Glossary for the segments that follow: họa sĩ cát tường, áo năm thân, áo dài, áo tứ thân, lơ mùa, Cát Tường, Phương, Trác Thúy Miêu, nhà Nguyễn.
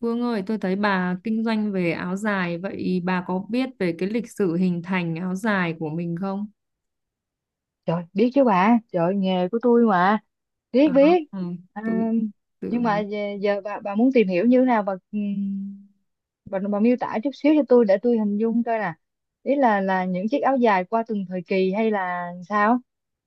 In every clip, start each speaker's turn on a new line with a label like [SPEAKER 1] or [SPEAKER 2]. [SPEAKER 1] Phương ơi, tôi thấy bà kinh doanh về áo dài, vậy bà có biết về cái lịch sử hình thành áo dài của mình không?
[SPEAKER 2] Trời, biết chứ bà, trời nghề của tôi mà,
[SPEAKER 1] À,
[SPEAKER 2] biết biết.
[SPEAKER 1] ừ,
[SPEAKER 2] À,
[SPEAKER 1] tôi
[SPEAKER 2] nhưng mà
[SPEAKER 1] tưởng
[SPEAKER 2] giờ bà muốn tìm hiểu như thế nào bà, bà miêu tả chút xíu cho tôi để tôi hình dung coi nè. Ý là những chiếc áo dài qua từng thời kỳ hay là sao?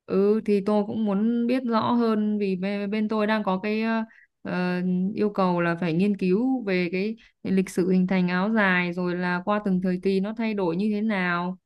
[SPEAKER 1] ừ thì tôi cũng muốn biết rõ hơn vì bên tôi đang có cái ờ, yêu cầu là phải nghiên cứu về cái lịch sử hình thành áo dài rồi là qua từng thời kỳ nó thay đổi như thế nào.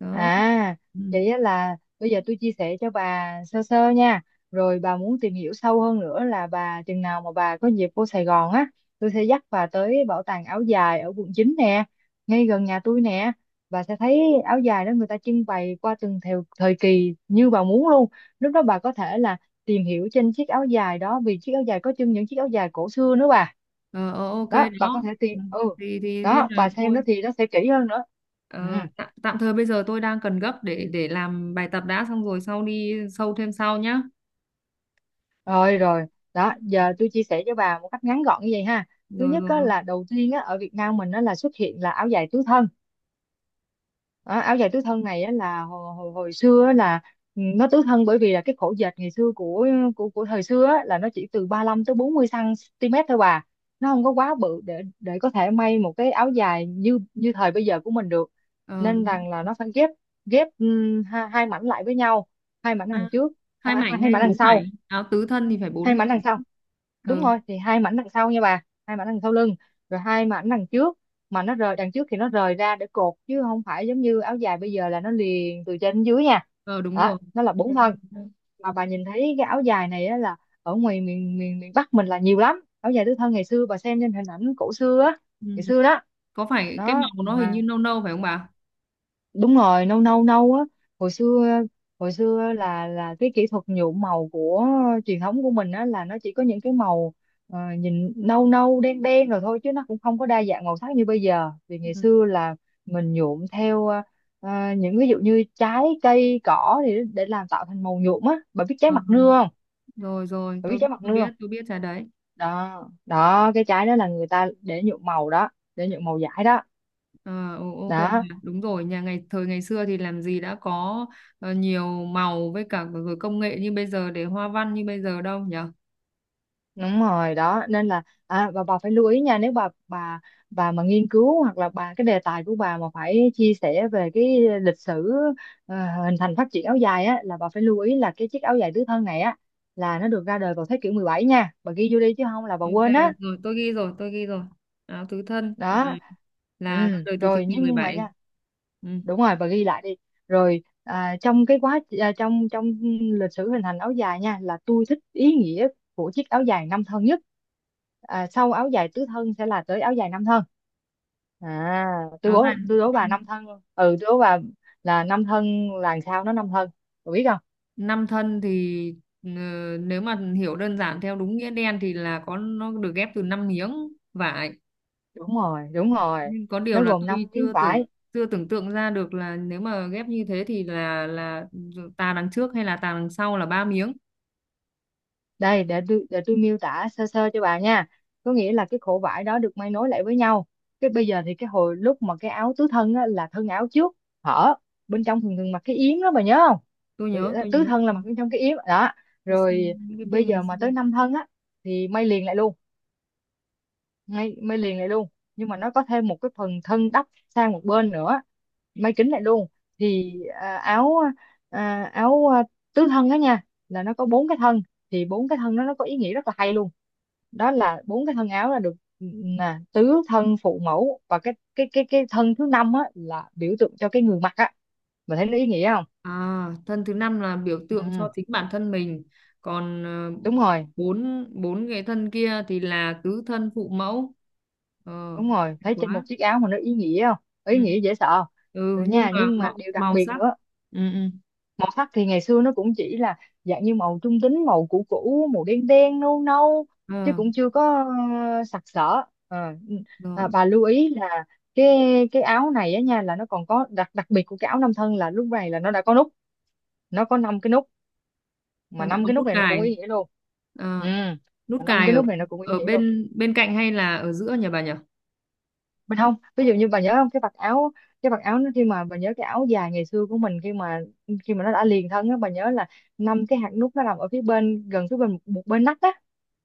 [SPEAKER 1] Đó.
[SPEAKER 2] À,
[SPEAKER 1] Ừ.
[SPEAKER 2] vậy á là bây giờ tôi chia sẻ cho bà sơ sơ nha. Rồi bà muốn tìm hiểu sâu hơn nữa là bà chừng nào mà bà có dịp vô Sài Gòn á, tôi sẽ dắt bà tới bảo tàng áo dài ở quận 9 nè, ngay gần nhà tôi nè. Bà sẽ thấy áo dài đó người ta trưng bày qua từng theo thời kỳ như bà muốn luôn. Lúc đó bà có thể là tìm hiểu trên chiếc áo dài đó vì chiếc áo dài có trưng những chiếc áo dài cổ xưa nữa bà.
[SPEAKER 1] Ờ, ok
[SPEAKER 2] Đó, bà
[SPEAKER 1] đó.
[SPEAKER 2] có thể
[SPEAKER 1] Ừ.
[SPEAKER 2] tìm ừ.
[SPEAKER 1] Thì nên
[SPEAKER 2] Đó,
[SPEAKER 1] là
[SPEAKER 2] bà xem nó
[SPEAKER 1] thôi.
[SPEAKER 2] thì nó sẽ kỹ hơn nữa. Ừ.
[SPEAKER 1] Tạm thời bây giờ tôi đang cần gấp để làm bài tập đã, xong rồi sau đi sâu thêm sau nhá.
[SPEAKER 2] Rồi rồi, đó, giờ tôi chia sẻ cho bà một cách ngắn gọn như vậy ha. Thứ
[SPEAKER 1] Rồi
[SPEAKER 2] nhất á,
[SPEAKER 1] rồi.
[SPEAKER 2] là đầu tiên á, ở Việt Nam mình á, là xuất hiện là áo dài tứ thân. Đó, áo dài tứ thân này á, là hồi xưa á, là ừ, nó tứ thân bởi vì là cái khổ dệt ngày xưa của của thời xưa á, là nó chỉ từ 35 tới 40 cm thôi bà. Nó không có quá bự để có thể may một cái áo dài như như thời bây giờ của mình được.
[SPEAKER 1] Ờ
[SPEAKER 2] Nên
[SPEAKER 1] đúng.
[SPEAKER 2] rằng là nó phải ghép ghép hai mảnh lại với nhau, hai mảnh
[SPEAKER 1] À,
[SPEAKER 2] đằng trước, à,
[SPEAKER 1] hai
[SPEAKER 2] hai
[SPEAKER 1] mảnh
[SPEAKER 2] hai
[SPEAKER 1] hay
[SPEAKER 2] mảnh đằng
[SPEAKER 1] bốn mảnh?
[SPEAKER 2] sau,
[SPEAKER 1] Áo tứ thân thì phải
[SPEAKER 2] hai
[SPEAKER 1] bốn mảnh.
[SPEAKER 2] mảnh đằng sau đúng
[SPEAKER 1] Ờ,
[SPEAKER 2] rồi, thì hai mảnh đằng sau nha bà, hai mảnh đằng sau lưng, rồi hai mảnh đằng trước mà nó rời đằng trước thì nó rời ra để cột chứ không phải giống như áo dài bây giờ là nó liền từ trên đến dưới nha.
[SPEAKER 1] ờ đúng
[SPEAKER 2] Đó,
[SPEAKER 1] rồi.
[SPEAKER 2] nó là bốn thân. Mà bà nhìn thấy cái áo dài này á là ở ngoài miền miền miền Bắc mình là nhiều lắm áo dài tứ thân ngày xưa, bà xem trên hình ảnh cổ xưa á,
[SPEAKER 1] Ừ.
[SPEAKER 2] ngày xưa đó.
[SPEAKER 1] Có phải cái
[SPEAKER 2] Đó
[SPEAKER 1] màu nó hình như
[SPEAKER 2] mà
[SPEAKER 1] nâu nâu phải không bà?
[SPEAKER 2] đúng rồi, nâu nâu nâu á. Hồi xưa hồi xưa là cái kỹ thuật nhuộm màu của truyền thống của mình á là nó chỉ có những cái màu nhìn nâu nâu đen đen rồi thôi chứ nó cũng không có đa dạng màu sắc như bây giờ, vì ngày
[SPEAKER 1] Ừ.
[SPEAKER 2] xưa là mình nhuộm theo những ví dụ như trái cây cỏ thì để làm tạo thành màu nhuộm á. Bà biết trái
[SPEAKER 1] Ờ,
[SPEAKER 2] mặt nưa không,
[SPEAKER 1] rồi rồi,
[SPEAKER 2] bà biết
[SPEAKER 1] tôi biết
[SPEAKER 2] trái mặt
[SPEAKER 1] tôi
[SPEAKER 2] nưa không
[SPEAKER 1] biết tôi biết trà đấy.
[SPEAKER 2] đó đó, cái trái đó là người ta để nhuộm màu đó, để nhuộm màu vải đó
[SPEAKER 1] Ok bà.
[SPEAKER 2] đó.
[SPEAKER 1] Đúng rồi, nhà ngày thời ngày xưa thì làm gì đã có nhiều màu, với cả rồi công nghệ như bây giờ để hoa văn như bây giờ đâu nhỉ?
[SPEAKER 2] Đúng rồi, đó nên là à, và bà phải lưu ý nha, nếu bà bà mà nghiên cứu hoặc là bà cái đề tài của bà mà phải chia sẻ về cái lịch sử ờ, hình thành phát triển áo dài á, là bà phải lưu ý là cái chiếc áo dài tứ thân này á là nó được ra đời vào thế kỷ 17 nha, bà ghi vô đi chứ không là bà
[SPEAKER 1] Ok,
[SPEAKER 2] quên á.
[SPEAKER 1] rồi tôi ghi rồi, tôi ghi rồi. Áo tứ thân à,
[SPEAKER 2] Đó,
[SPEAKER 1] là ra
[SPEAKER 2] ừ
[SPEAKER 1] đời từ thế
[SPEAKER 2] rồi,
[SPEAKER 1] kỷ
[SPEAKER 2] nhưng mà
[SPEAKER 1] 17.
[SPEAKER 2] nha
[SPEAKER 1] Ừ.
[SPEAKER 2] đúng rồi, và ghi lại đi rồi. À, trong cái quá à, trong trong lịch sử hình thành áo dài nha, là tôi thích ý nghĩa của chiếc áo dài năm thân nhất. À, sau áo dài tứ thân sẽ là tới áo dài năm thân. À, tôi
[SPEAKER 1] Áo
[SPEAKER 2] đố
[SPEAKER 1] dài
[SPEAKER 2] tôi đố bà
[SPEAKER 1] năm,
[SPEAKER 2] năm thân, ừ tôi đố bà là năm thân là làm sao nó năm thân, bà biết không?
[SPEAKER 1] năm thân thì ờ, nếu mà hiểu đơn giản theo đúng nghĩa đen thì là có nó được ghép từ năm miếng vải.
[SPEAKER 2] Đúng rồi,
[SPEAKER 1] Nhưng có điều
[SPEAKER 2] nó
[SPEAKER 1] là
[SPEAKER 2] gồm
[SPEAKER 1] tôi
[SPEAKER 2] năm miếng
[SPEAKER 1] chưa tưởng
[SPEAKER 2] vải.
[SPEAKER 1] chưa tưởng tượng ra được là nếu mà ghép như thế thì là tà đằng trước hay là tà đằng sau là ba miếng.
[SPEAKER 2] Đây để tôi miêu tả sơ sơ cho bà nha, có nghĩa là cái khổ vải đó được may nối lại với nhau. Cái bây giờ thì cái hồi lúc mà cái áo tứ thân á, là thân áo trước hở bên trong thường thường mặc cái yếm đó, bà nhớ không?
[SPEAKER 1] Tôi
[SPEAKER 2] Rồi,
[SPEAKER 1] nhớ,
[SPEAKER 2] ờ,
[SPEAKER 1] tôi
[SPEAKER 2] tứ
[SPEAKER 1] nhớ.
[SPEAKER 2] thân là mặc bên trong cái yếm đó
[SPEAKER 1] Tôi xem
[SPEAKER 2] rồi.
[SPEAKER 1] những cái
[SPEAKER 2] Bây
[SPEAKER 1] phim ngày
[SPEAKER 2] giờ mà
[SPEAKER 1] xưa.
[SPEAKER 2] tới năm thân á thì may liền lại luôn, may liền lại luôn, nhưng mà nó có thêm một cái phần thân đắp sang một bên nữa, may kín lại luôn thì à, áo tứ thân đó nha là nó có bốn cái thân, thì bốn cái thân đó nó có ý nghĩa rất là hay luôn, đó là bốn cái thân áo là được nè, tứ thân phụ mẫu, và cái thân thứ năm á là biểu tượng cho cái người mặc á. Mình thấy nó ý nghĩa không?
[SPEAKER 1] À, thân thứ năm là biểu tượng cho
[SPEAKER 2] Ừ,
[SPEAKER 1] chính bản thân mình, còn
[SPEAKER 2] đúng rồi
[SPEAKER 1] bốn bốn cái thân kia thì là tứ thân phụ mẫu. Ờ,
[SPEAKER 2] đúng rồi
[SPEAKER 1] hay
[SPEAKER 2] thấy trên một
[SPEAKER 1] quá.
[SPEAKER 2] chiếc áo mà nó ý nghĩa không,
[SPEAKER 1] Ừ.
[SPEAKER 2] ý nghĩa dễ sợ.
[SPEAKER 1] Ừ,
[SPEAKER 2] Rồi
[SPEAKER 1] nhưng
[SPEAKER 2] nha,
[SPEAKER 1] mà
[SPEAKER 2] nhưng mà
[SPEAKER 1] màu,
[SPEAKER 2] điều đặc
[SPEAKER 1] màu
[SPEAKER 2] biệt
[SPEAKER 1] sắc.
[SPEAKER 2] nữa,
[SPEAKER 1] Ừ, ừ.
[SPEAKER 2] màu sắc thì ngày xưa nó cũng chỉ là dạng như màu trung tính, màu cũ cũ, màu đen đen nâu nâu, chứ
[SPEAKER 1] Ờ,
[SPEAKER 2] cũng chưa có sặc sỡ. Ờ, ừ,
[SPEAKER 1] rồi,
[SPEAKER 2] à, bà lưu ý là cái cái áo này á nha, là nó còn có đặc đặc biệt của cái áo nam thân, là lúc này là nó đã có nút, nó có năm cái nút,
[SPEAKER 1] là
[SPEAKER 2] mà
[SPEAKER 1] đã
[SPEAKER 2] năm
[SPEAKER 1] có
[SPEAKER 2] cái nút
[SPEAKER 1] nút
[SPEAKER 2] này nó cũng
[SPEAKER 1] cài.
[SPEAKER 2] ý nghĩa luôn. Ừ,
[SPEAKER 1] Ờ, nút
[SPEAKER 2] mà năm
[SPEAKER 1] cài
[SPEAKER 2] cái
[SPEAKER 1] ở
[SPEAKER 2] nút này nó cũng ý
[SPEAKER 1] ở
[SPEAKER 2] nghĩa luôn
[SPEAKER 1] bên, bên cạnh hay là ở giữa nhỉ bà nhỉ?
[SPEAKER 2] mình không, ví dụ như bà nhớ không, cái vạt áo, cái vạt áo nó khi mà bà nhớ cái áo dài ngày xưa của mình khi mà nó đã liền thân á, bà nhớ là năm cái hạt nút nó nằm ở phía bên gần phía bên một bên nách á.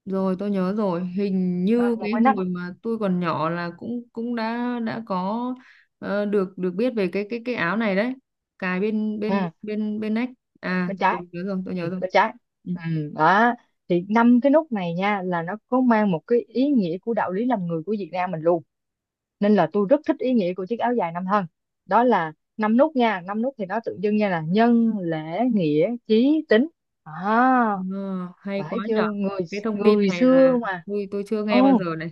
[SPEAKER 1] Rồi tôi nhớ rồi, hình
[SPEAKER 2] Ờ,
[SPEAKER 1] như
[SPEAKER 2] một
[SPEAKER 1] cái
[SPEAKER 2] bên nách á.
[SPEAKER 1] hồi mà tôi còn nhỏ là cũng cũng đã có được được biết về cái áo này đấy, cài bên bên
[SPEAKER 2] Ừ,
[SPEAKER 1] bên bên nách. À,
[SPEAKER 2] bên
[SPEAKER 1] tôi
[SPEAKER 2] trái
[SPEAKER 1] nhớ rồi, tôi nhớ rồi.
[SPEAKER 2] bên trái
[SPEAKER 1] Ừ.
[SPEAKER 2] ừ, đó thì năm cái nút này nha là nó có mang một cái ý nghĩa của đạo lý làm người của Việt Nam mình luôn, nên là tôi rất thích ý nghĩa của chiếc áo dài năm thân. Đó là năm nút nha, năm nút thì nó tượng trưng nha, là nhân lễ nghĩa chí tín. À
[SPEAKER 1] Ờ, hay quá
[SPEAKER 2] phải
[SPEAKER 1] nhở.
[SPEAKER 2] chưa, người
[SPEAKER 1] Cái thông tin
[SPEAKER 2] người
[SPEAKER 1] này là
[SPEAKER 2] xưa mà.
[SPEAKER 1] tôi chưa nghe bao
[SPEAKER 2] Ồ,
[SPEAKER 1] giờ này.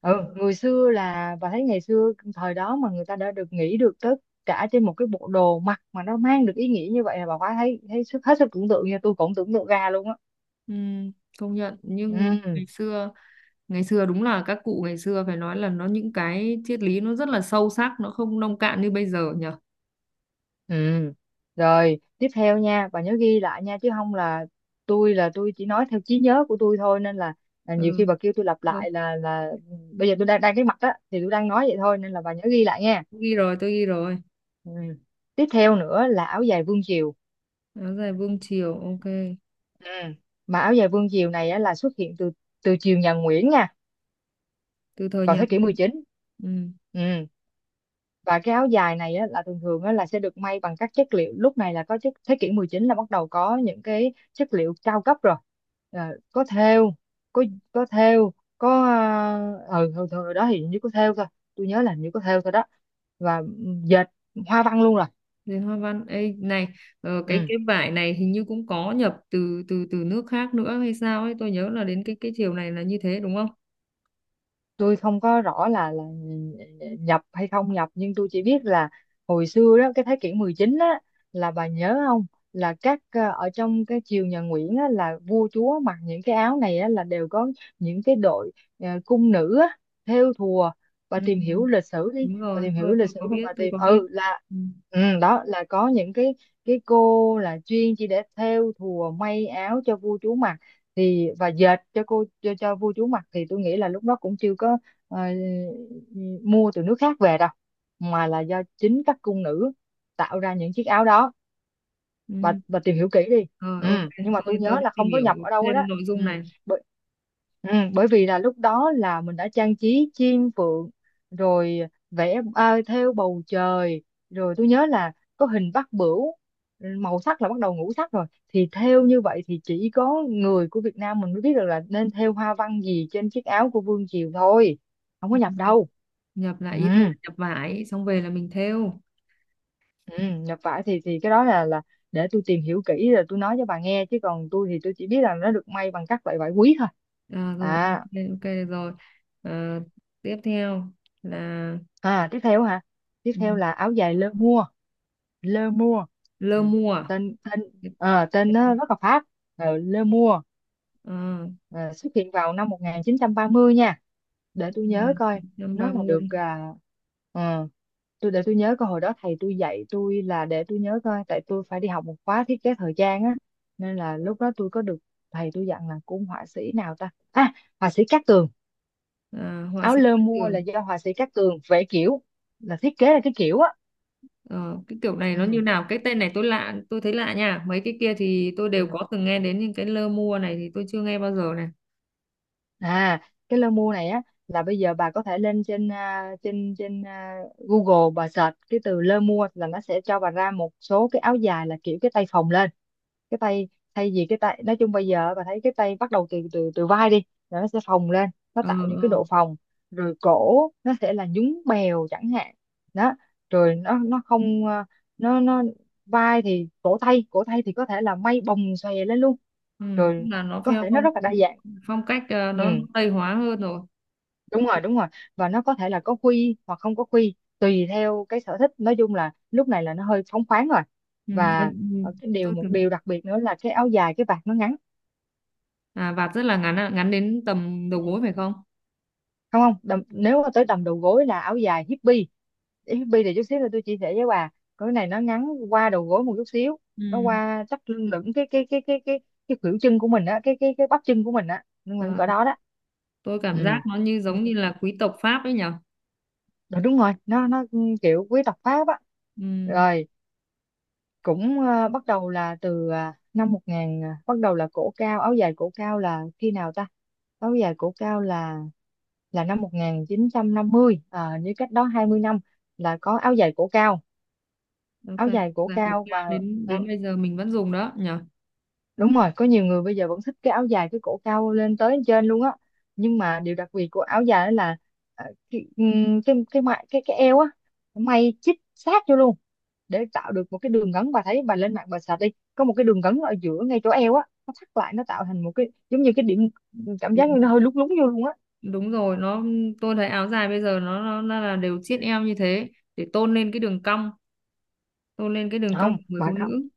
[SPEAKER 2] ừ, người xưa là, bà thấy ngày xưa thời đó mà người ta đã được nghĩ được tất cả trên một cái bộ đồ mặc mà nó mang được ý nghĩa như vậy, là bà quá thấy thấy sức hết sức tưởng tượng nha, tôi cũng tưởng tượng ra luôn á.
[SPEAKER 1] Ừ, công nhận nhưng
[SPEAKER 2] Ừ,
[SPEAKER 1] ngày xưa, ngày xưa đúng là các cụ ngày xưa phải nói là nó những cái triết lý nó rất là sâu sắc, nó không nông cạn như bây giờ nhở.
[SPEAKER 2] ừ rồi tiếp theo nha, bà nhớ ghi lại nha, chứ không là tôi là tôi chỉ nói theo trí nhớ của tôi thôi, nên là nhiều khi
[SPEAKER 1] Ừ,
[SPEAKER 2] bà kêu tôi lặp
[SPEAKER 1] tôi
[SPEAKER 2] lại là bây giờ tôi đang đang cái mặt á thì tôi đang nói vậy thôi, nên là bà nhớ ghi lại nha.
[SPEAKER 1] ghi rồi, tôi ghi rồi.
[SPEAKER 2] Ừ. Tiếp theo nữa là áo dài vương triều.
[SPEAKER 1] Áo dài vương triều, ok.
[SPEAKER 2] Ừ. Mà áo dài vương diều này á, là xuất hiện từ từ triều nhà Nguyễn nha,
[SPEAKER 1] Từ thời
[SPEAKER 2] vào
[SPEAKER 1] nhà
[SPEAKER 2] thế kỷ
[SPEAKER 1] Nguyễn.
[SPEAKER 2] 19.
[SPEAKER 1] Ừ.
[SPEAKER 2] Ừ. Và cái áo dài này á, là thường thường á, là sẽ được may bằng các chất liệu, lúc này là có chất thế kỷ 19 là bắt đầu có những cái chất liệu cao cấp rồi. Ờ, có thêu, có có thêu có ờ ừ, hồi đó thì hình như có thêu thôi, tôi nhớ là hình như có thêu thôi đó. Và ừ, dệt hoa văn luôn rồi.
[SPEAKER 1] Đến hoa văn. Ê, này,
[SPEAKER 2] Ừ.
[SPEAKER 1] cái vải này hình như cũng có nhập từ từ từ nước khác nữa hay sao ấy, tôi nhớ là đến cái chiều này là như thế đúng không?
[SPEAKER 2] Tôi không có rõ là nhập hay không nhập, nhưng tôi chỉ biết là hồi xưa đó cái thế kỷ 19 á, là bà nhớ không, là các ờ, ở trong cái triều nhà Nguyễn á, là vua chúa mặc những cái áo này á, là đều có những cái đội ờ, cung nữ á, thêu thùa. Bà
[SPEAKER 1] Ừ.
[SPEAKER 2] tìm
[SPEAKER 1] Ừ,
[SPEAKER 2] hiểu lịch sử đi,
[SPEAKER 1] đúng
[SPEAKER 2] bà
[SPEAKER 1] rồi
[SPEAKER 2] tìm hiểu lịch
[SPEAKER 1] tôi
[SPEAKER 2] sử
[SPEAKER 1] có
[SPEAKER 2] mà
[SPEAKER 1] biết
[SPEAKER 2] bà
[SPEAKER 1] tôi
[SPEAKER 2] tìm
[SPEAKER 1] có biết.
[SPEAKER 2] ừ là
[SPEAKER 1] Ừ.
[SPEAKER 2] ừ, đó là có những cái cô là chuyên chỉ để thêu thùa may áo cho vua chúa mặc thì, và dệt cho cô cho vua chúa mặc, thì tôi nghĩ là lúc đó cũng chưa có ờ, mua từ nước khác về đâu, mà là do chính các cung nữ tạo ra những chiếc áo đó.
[SPEAKER 1] Ừ.
[SPEAKER 2] Bà tìm hiểu kỹ đi.
[SPEAKER 1] Rồi
[SPEAKER 2] Ừ.
[SPEAKER 1] ok,
[SPEAKER 2] Nhưng mà tôi
[SPEAKER 1] tôi
[SPEAKER 2] nhớ
[SPEAKER 1] tôi sẽ
[SPEAKER 2] là
[SPEAKER 1] tìm
[SPEAKER 2] không có
[SPEAKER 1] hiểu
[SPEAKER 2] nhập ở đâu hết đó.
[SPEAKER 1] thêm nội
[SPEAKER 2] Ừ.
[SPEAKER 1] dung này.
[SPEAKER 2] Bởi, ừ bởi vì là lúc đó là mình đã trang trí chim phượng rồi, vẽ thêu bầu trời, rồi tôi nhớ là có hình bát bửu. Màu sắc là bắt đầu ngũ sắc rồi, thì thêu như vậy thì chỉ có người của Việt Nam mình mới biết được là nên thêu hoa văn gì trên chiếc áo của Vương Triều thôi, không có
[SPEAKER 1] Ừ.
[SPEAKER 2] nhập đâu.
[SPEAKER 1] Nhập
[SPEAKER 2] ừ
[SPEAKER 1] lại ý tôi là nhập vải xong về là mình thêu.
[SPEAKER 2] Ừ, Nhập vải thì cái đó là để tôi tìm hiểu kỹ rồi tôi nói cho bà nghe, chứ còn tôi thì tôi chỉ biết là nó được may bằng các loại vải quý thôi.
[SPEAKER 1] À, rồi
[SPEAKER 2] À,
[SPEAKER 1] ok ok, được rồi. Ờ, tiếp theo là
[SPEAKER 2] tiếp theo hả? Tiếp
[SPEAKER 1] ừ,
[SPEAKER 2] theo là áo dài lơ mua. Lơ mua.
[SPEAKER 1] lơ
[SPEAKER 2] Ừ.
[SPEAKER 1] mùa.
[SPEAKER 2] tên tên ờ, tên nó rất là Pháp. Ờ, lơ mua.
[SPEAKER 1] Ờ.
[SPEAKER 2] Ờ, xuất hiện vào năm 1930 nha, để tôi nhớ
[SPEAKER 1] Rồi,
[SPEAKER 2] coi. Nó là được
[SPEAKER 1] 930.
[SPEAKER 2] ờ, tôi để tôi nhớ coi, hồi đó thầy tôi dạy tôi, là để tôi nhớ coi, tại tôi phải đi học một khóa thiết kế thời trang á, nên là lúc đó tôi có được thầy tôi dặn là cũng họa sĩ nào ta? À, họa sĩ Cát Tường.
[SPEAKER 1] À, họa
[SPEAKER 2] Áo
[SPEAKER 1] sĩ
[SPEAKER 2] lơ
[SPEAKER 1] Cát
[SPEAKER 2] mua là
[SPEAKER 1] Tường.
[SPEAKER 2] do họa sĩ Cát Tường vẽ kiểu, là thiết kế là cái kiểu á.
[SPEAKER 1] Ờ, cái kiểu này nó như
[SPEAKER 2] Ừ.
[SPEAKER 1] nào? Cái tên này tôi lạ, tôi thấy lạ nha, mấy cái kia thì tôi đều
[SPEAKER 2] Ừ.
[SPEAKER 1] có từng nghe đến, nhưng cái lơ mua này thì tôi chưa nghe bao giờ này.
[SPEAKER 2] À, cái lơ mu này á, là bây giờ bà có thể lên trên trên trên à, Google, bà search cái từ lơ mua, là nó sẽ cho bà ra một số cái áo dài là kiểu cái tay phồng lên, cái tay, thay vì cái tay nói chung bây giờ bà thấy cái tay bắt đầu từ từ từ vai đi, là nó sẽ phồng lên, nó
[SPEAKER 1] Ờ.
[SPEAKER 2] tạo những
[SPEAKER 1] Ờ.
[SPEAKER 2] cái độ phồng. Rồi cổ nó sẽ là nhún bèo chẳng hạn. Đó, rồi nó không à, nó vai thì cổ tay thì có thể là may bồng xòe lên luôn.
[SPEAKER 1] Ừ, tức
[SPEAKER 2] Rồi
[SPEAKER 1] là nó
[SPEAKER 2] có
[SPEAKER 1] theo
[SPEAKER 2] thể nó
[SPEAKER 1] phong
[SPEAKER 2] rất là đa dạng.
[SPEAKER 1] phong cách,
[SPEAKER 2] Ừ,
[SPEAKER 1] nó tây hóa hơn rồi.
[SPEAKER 2] đúng rồi, đúng rồi. Và nó có thể là có quy hoặc không có quy, tùy theo cái sở thích. Nói chung là lúc này là nó hơi phóng khoáng rồi.
[SPEAKER 1] Ừ, ừ.
[SPEAKER 2] Và
[SPEAKER 1] Ừ.
[SPEAKER 2] cái điều,
[SPEAKER 1] Tôi
[SPEAKER 2] một
[SPEAKER 1] tưởng
[SPEAKER 2] điều đặc biệt nữa là cái áo dài cái vạt nó ngắn.
[SPEAKER 1] à vạt rất là ngắn, à, ngắn đến tầm đầu
[SPEAKER 2] Không,
[SPEAKER 1] gối phải không?
[SPEAKER 2] không đầm, nếu mà tới tầm đầu gối là áo dài hippie. Hippie thì chút xíu là tôi chia sẻ với bà. Cái này nó ngắn qua đầu gối một chút xíu,
[SPEAKER 1] Ừ.
[SPEAKER 2] nó qua chắc lưng lửng cái khuỷu chân của mình á, cái bắp chân của mình á, nhưng mà
[SPEAKER 1] Ờ,
[SPEAKER 2] cỡ đó đó.
[SPEAKER 1] tôi cảm giác
[SPEAKER 2] ừ
[SPEAKER 1] nó như
[SPEAKER 2] Ừ,
[SPEAKER 1] giống như là quý tộc Pháp ấy nhở.
[SPEAKER 2] Đúng rồi, kiểu quý tộc Pháp á.
[SPEAKER 1] Ừ.
[SPEAKER 2] Rồi cũng bắt đầu là từ năm 1000, bắt đầu là cổ cao, áo dài cổ cao là khi nào ta? Áo dài cổ cao là năm 1950, như cách đó 20 năm là có áo dài cổ cao.
[SPEAKER 1] Ok,
[SPEAKER 2] Áo dài cổ
[SPEAKER 1] là cổ
[SPEAKER 2] cao.
[SPEAKER 1] cao
[SPEAKER 2] Và
[SPEAKER 1] đến
[SPEAKER 2] ừ,
[SPEAKER 1] đến bây giờ mình vẫn dùng đó nhở.
[SPEAKER 2] đúng rồi, có nhiều người bây giờ vẫn thích cái áo dài cái cổ cao lên tới trên luôn á. Nhưng mà điều đặc biệt của áo dài đó là cái eo á, nó may chít sát vô luôn để tạo được một cái đường gắn. Bà thấy, bà lên mạng bà sạch đi, có một cái đường gắn ở giữa ngay chỗ eo á, nó thắt lại, nó tạo thành một cái giống như cái điểm, cảm giác như nó hơi lúng lúng vô luôn á.
[SPEAKER 1] Đúng rồi tôi thấy áo dài bây giờ nó là đều chiết eo như thế để tôn lên cái đường cong, tôn lên cái đường cong
[SPEAKER 2] Không,
[SPEAKER 1] của người phụ
[SPEAKER 2] bà không.
[SPEAKER 1] nữ.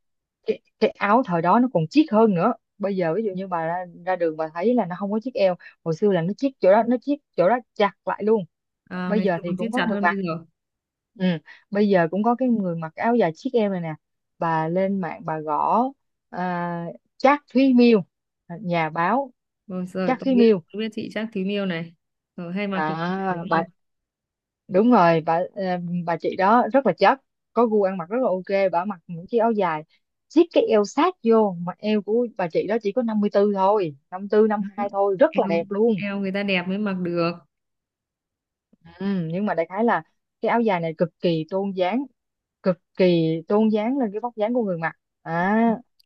[SPEAKER 2] Cái áo thời đó nó còn chiết hơn nữa. Bây giờ ví dụ như bà ra đường bà thấy là nó không có chiếc eo, hồi xưa là nó chiết chỗ đó, nó chiết chỗ đó chặt lại luôn.
[SPEAKER 1] À,
[SPEAKER 2] Bây
[SPEAKER 1] ngày
[SPEAKER 2] giờ
[SPEAKER 1] xưa
[SPEAKER 2] thì
[SPEAKER 1] còn siết
[SPEAKER 2] cũng có
[SPEAKER 1] chặt
[SPEAKER 2] người
[SPEAKER 1] hơn bây
[SPEAKER 2] mặc.
[SPEAKER 1] giờ.
[SPEAKER 2] Ừ. Bây giờ cũng có cái người mặc áo dài chiếc em này nè, bà lên mạng bà gõ à, Trác Thúy Miêu, nhà báo
[SPEAKER 1] Rồi rồi
[SPEAKER 2] Trác
[SPEAKER 1] tôi
[SPEAKER 2] Thúy
[SPEAKER 1] biết,
[SPEAKER 2] Miêu.
[SPEAKER 1] tôi biết chị Chắc Thím Yêu này rồi, hay mặc cái kiểu này
[SPEAKER 2] Đó
[SPEAKER 1] đúng
[SPEAKER 2] bà,
[SPEAKER 1] không?
[SPEAKER 2] đúng rồi bà. Ờ, bà chị đó rất là chất, có gu ăn mặc rất là ok. Bà mặc những chiếc áo dài siết cái eo sát vô mà eo của bà chị đó chỉ có 54 thôi, năm tư năm
[SPEAKER 1] Đó.
[SPEAKER 2] hai thôi, rất
[SPEAKER 1] Eo,
[SPEAKER 2] là đẹp luôn.
[SPEAKER 1] eo người ta đẹp mới mặc được.
[SPEAKER 2] Ừ, nhưng mà đại khái là cái áo dài này cực kỳ tôn dáng, cực kỳ tôn dáng lên cái vóc dáng của người mặc. À,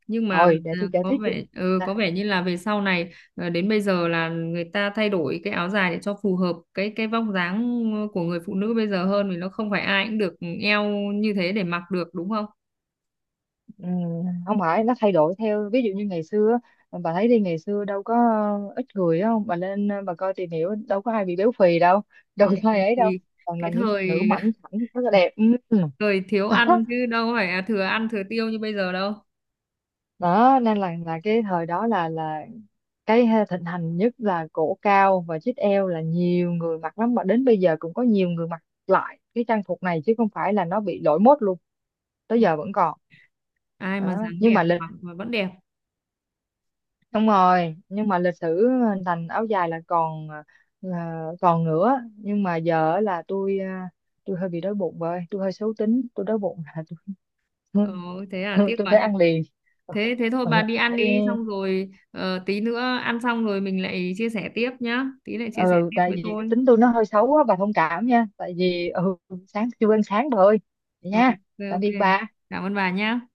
[SPEAKER 1] Nhưng mà
[SPEAKER 2] rồi để tôi
[SPEAKER 1] à,
[SPEAKER 2] kể
[SPEAKER 1] có
[SPEAKER 2] tiếp chị.
[SPEAKER 1] vẻ có
[SPEAKER 2] à,
[SPEAKER 1] vẻ như là về sau này à, đến bây giờ là người ta thay đổi cái áo dài để cho phù hợp cái vóc dáng của người phụ nữ bây giờ hơn, vì nó không phải ai cũng được eo như thế để mặc được đúng không?
[SPEAKER 2] Không phải nó thay đổi theo, ví dụ như ngày xưa bà thấy đi, ngày xưa đâu có ít người đâu. Bà lên bà coi tìm hiểu, đâu có ai bị béo phì đâu
[SPEAKER 1] Ừ,
[SPEAKER 2] đâu có ai ấy đâu,
[SPEAKER 1] thì
[SPEAKER 2] toàn là
[SPEAKER 1] cái
[SPEAKER 2] những phụ nữ
[SPEAKER 1] thời
[SPEAKER 2] mảnh khảnh rất là đẹp.
[SPEAKER 1] thời thiếu
[SPEAKER 2] Đó,
[SPEAKER 1] ăn chứ đâu phải là thừa ăn thừa tiêu như bây giờ đâu.
[SPEAKER 2] đó, nên là cái thời đó là cái thịnh hành nhất là cổ cao và chít eo, là nhiều người mặc lắm, mà đến bây giờ cũng có nhiều người mặc lại cái trang phục này chứ không phải là nó bị lỗi mốt luôn,
[SPEAKER 1] Ừ,
[SPEAKER 2] tới giờ vẫn còn.
[SPEAKER 1] ai mà
[SPEAKER 2] Đó.
[SPEAKER 1] dáng
[SPEAKER 2] Nhưng
[SPEAKER 1] đẹp
[SPEAKER 2] mà
[SPEAKER 1] mặc mà vẫn đẹp.
[SPEAKER 2] lịch sử hình thành áo dài là còn nữa, nhưng mà giờ á là tôi tôi hơi bị đói bụng rồi, tôi hơi xấu tính, tôi đói bụng là tôi
[SPEAKER 1] Ờ,
[SPEAKER 2] tôi,
[SPEAKER 1] thế là tiếc
[SPEAKER 2] tôi
[SPEAKER 1] quá
[SPEAKER 2] phải
[SPEAKER 1] nhỉ.
[SPEAKER 2] ăn liền. ừ,
[SPEAKER 1] Thế thế thôi
[SPEAKER 2] ừ,
[SPEAKER 1] bà đi ăn
[SPEAKER 2] tại
[SPEAKER 1] đi, xong rồi tí nữa ăn xong rồi mình lại chia sẻ tiếp nhá, tí lại chia sẻ
[SPEAKER 2] ừ,
[SPEAKER 1] tiếp
[SPEAKER 2] Tại
[SPEAKER 1] với
[SPEAKER 2] vì cái
[SPEAKER 1] tôi.
[SPEAKER 2] tính tôi nó hơi xấu á, bà thông cảm nha, tại vì ừ, sáng chưa ăn sáng bà ơi, vậy
[SPEAKER 1] Rồi
[SPEAKER 2] nha.
[SPEAKER 1] ok
[SPEAKER 2] Tạm
[SPEAKER 1] ok.
[SPEAKER 2] biệt bà.
[SPEAKER 1] Cảm ơn bà nhá.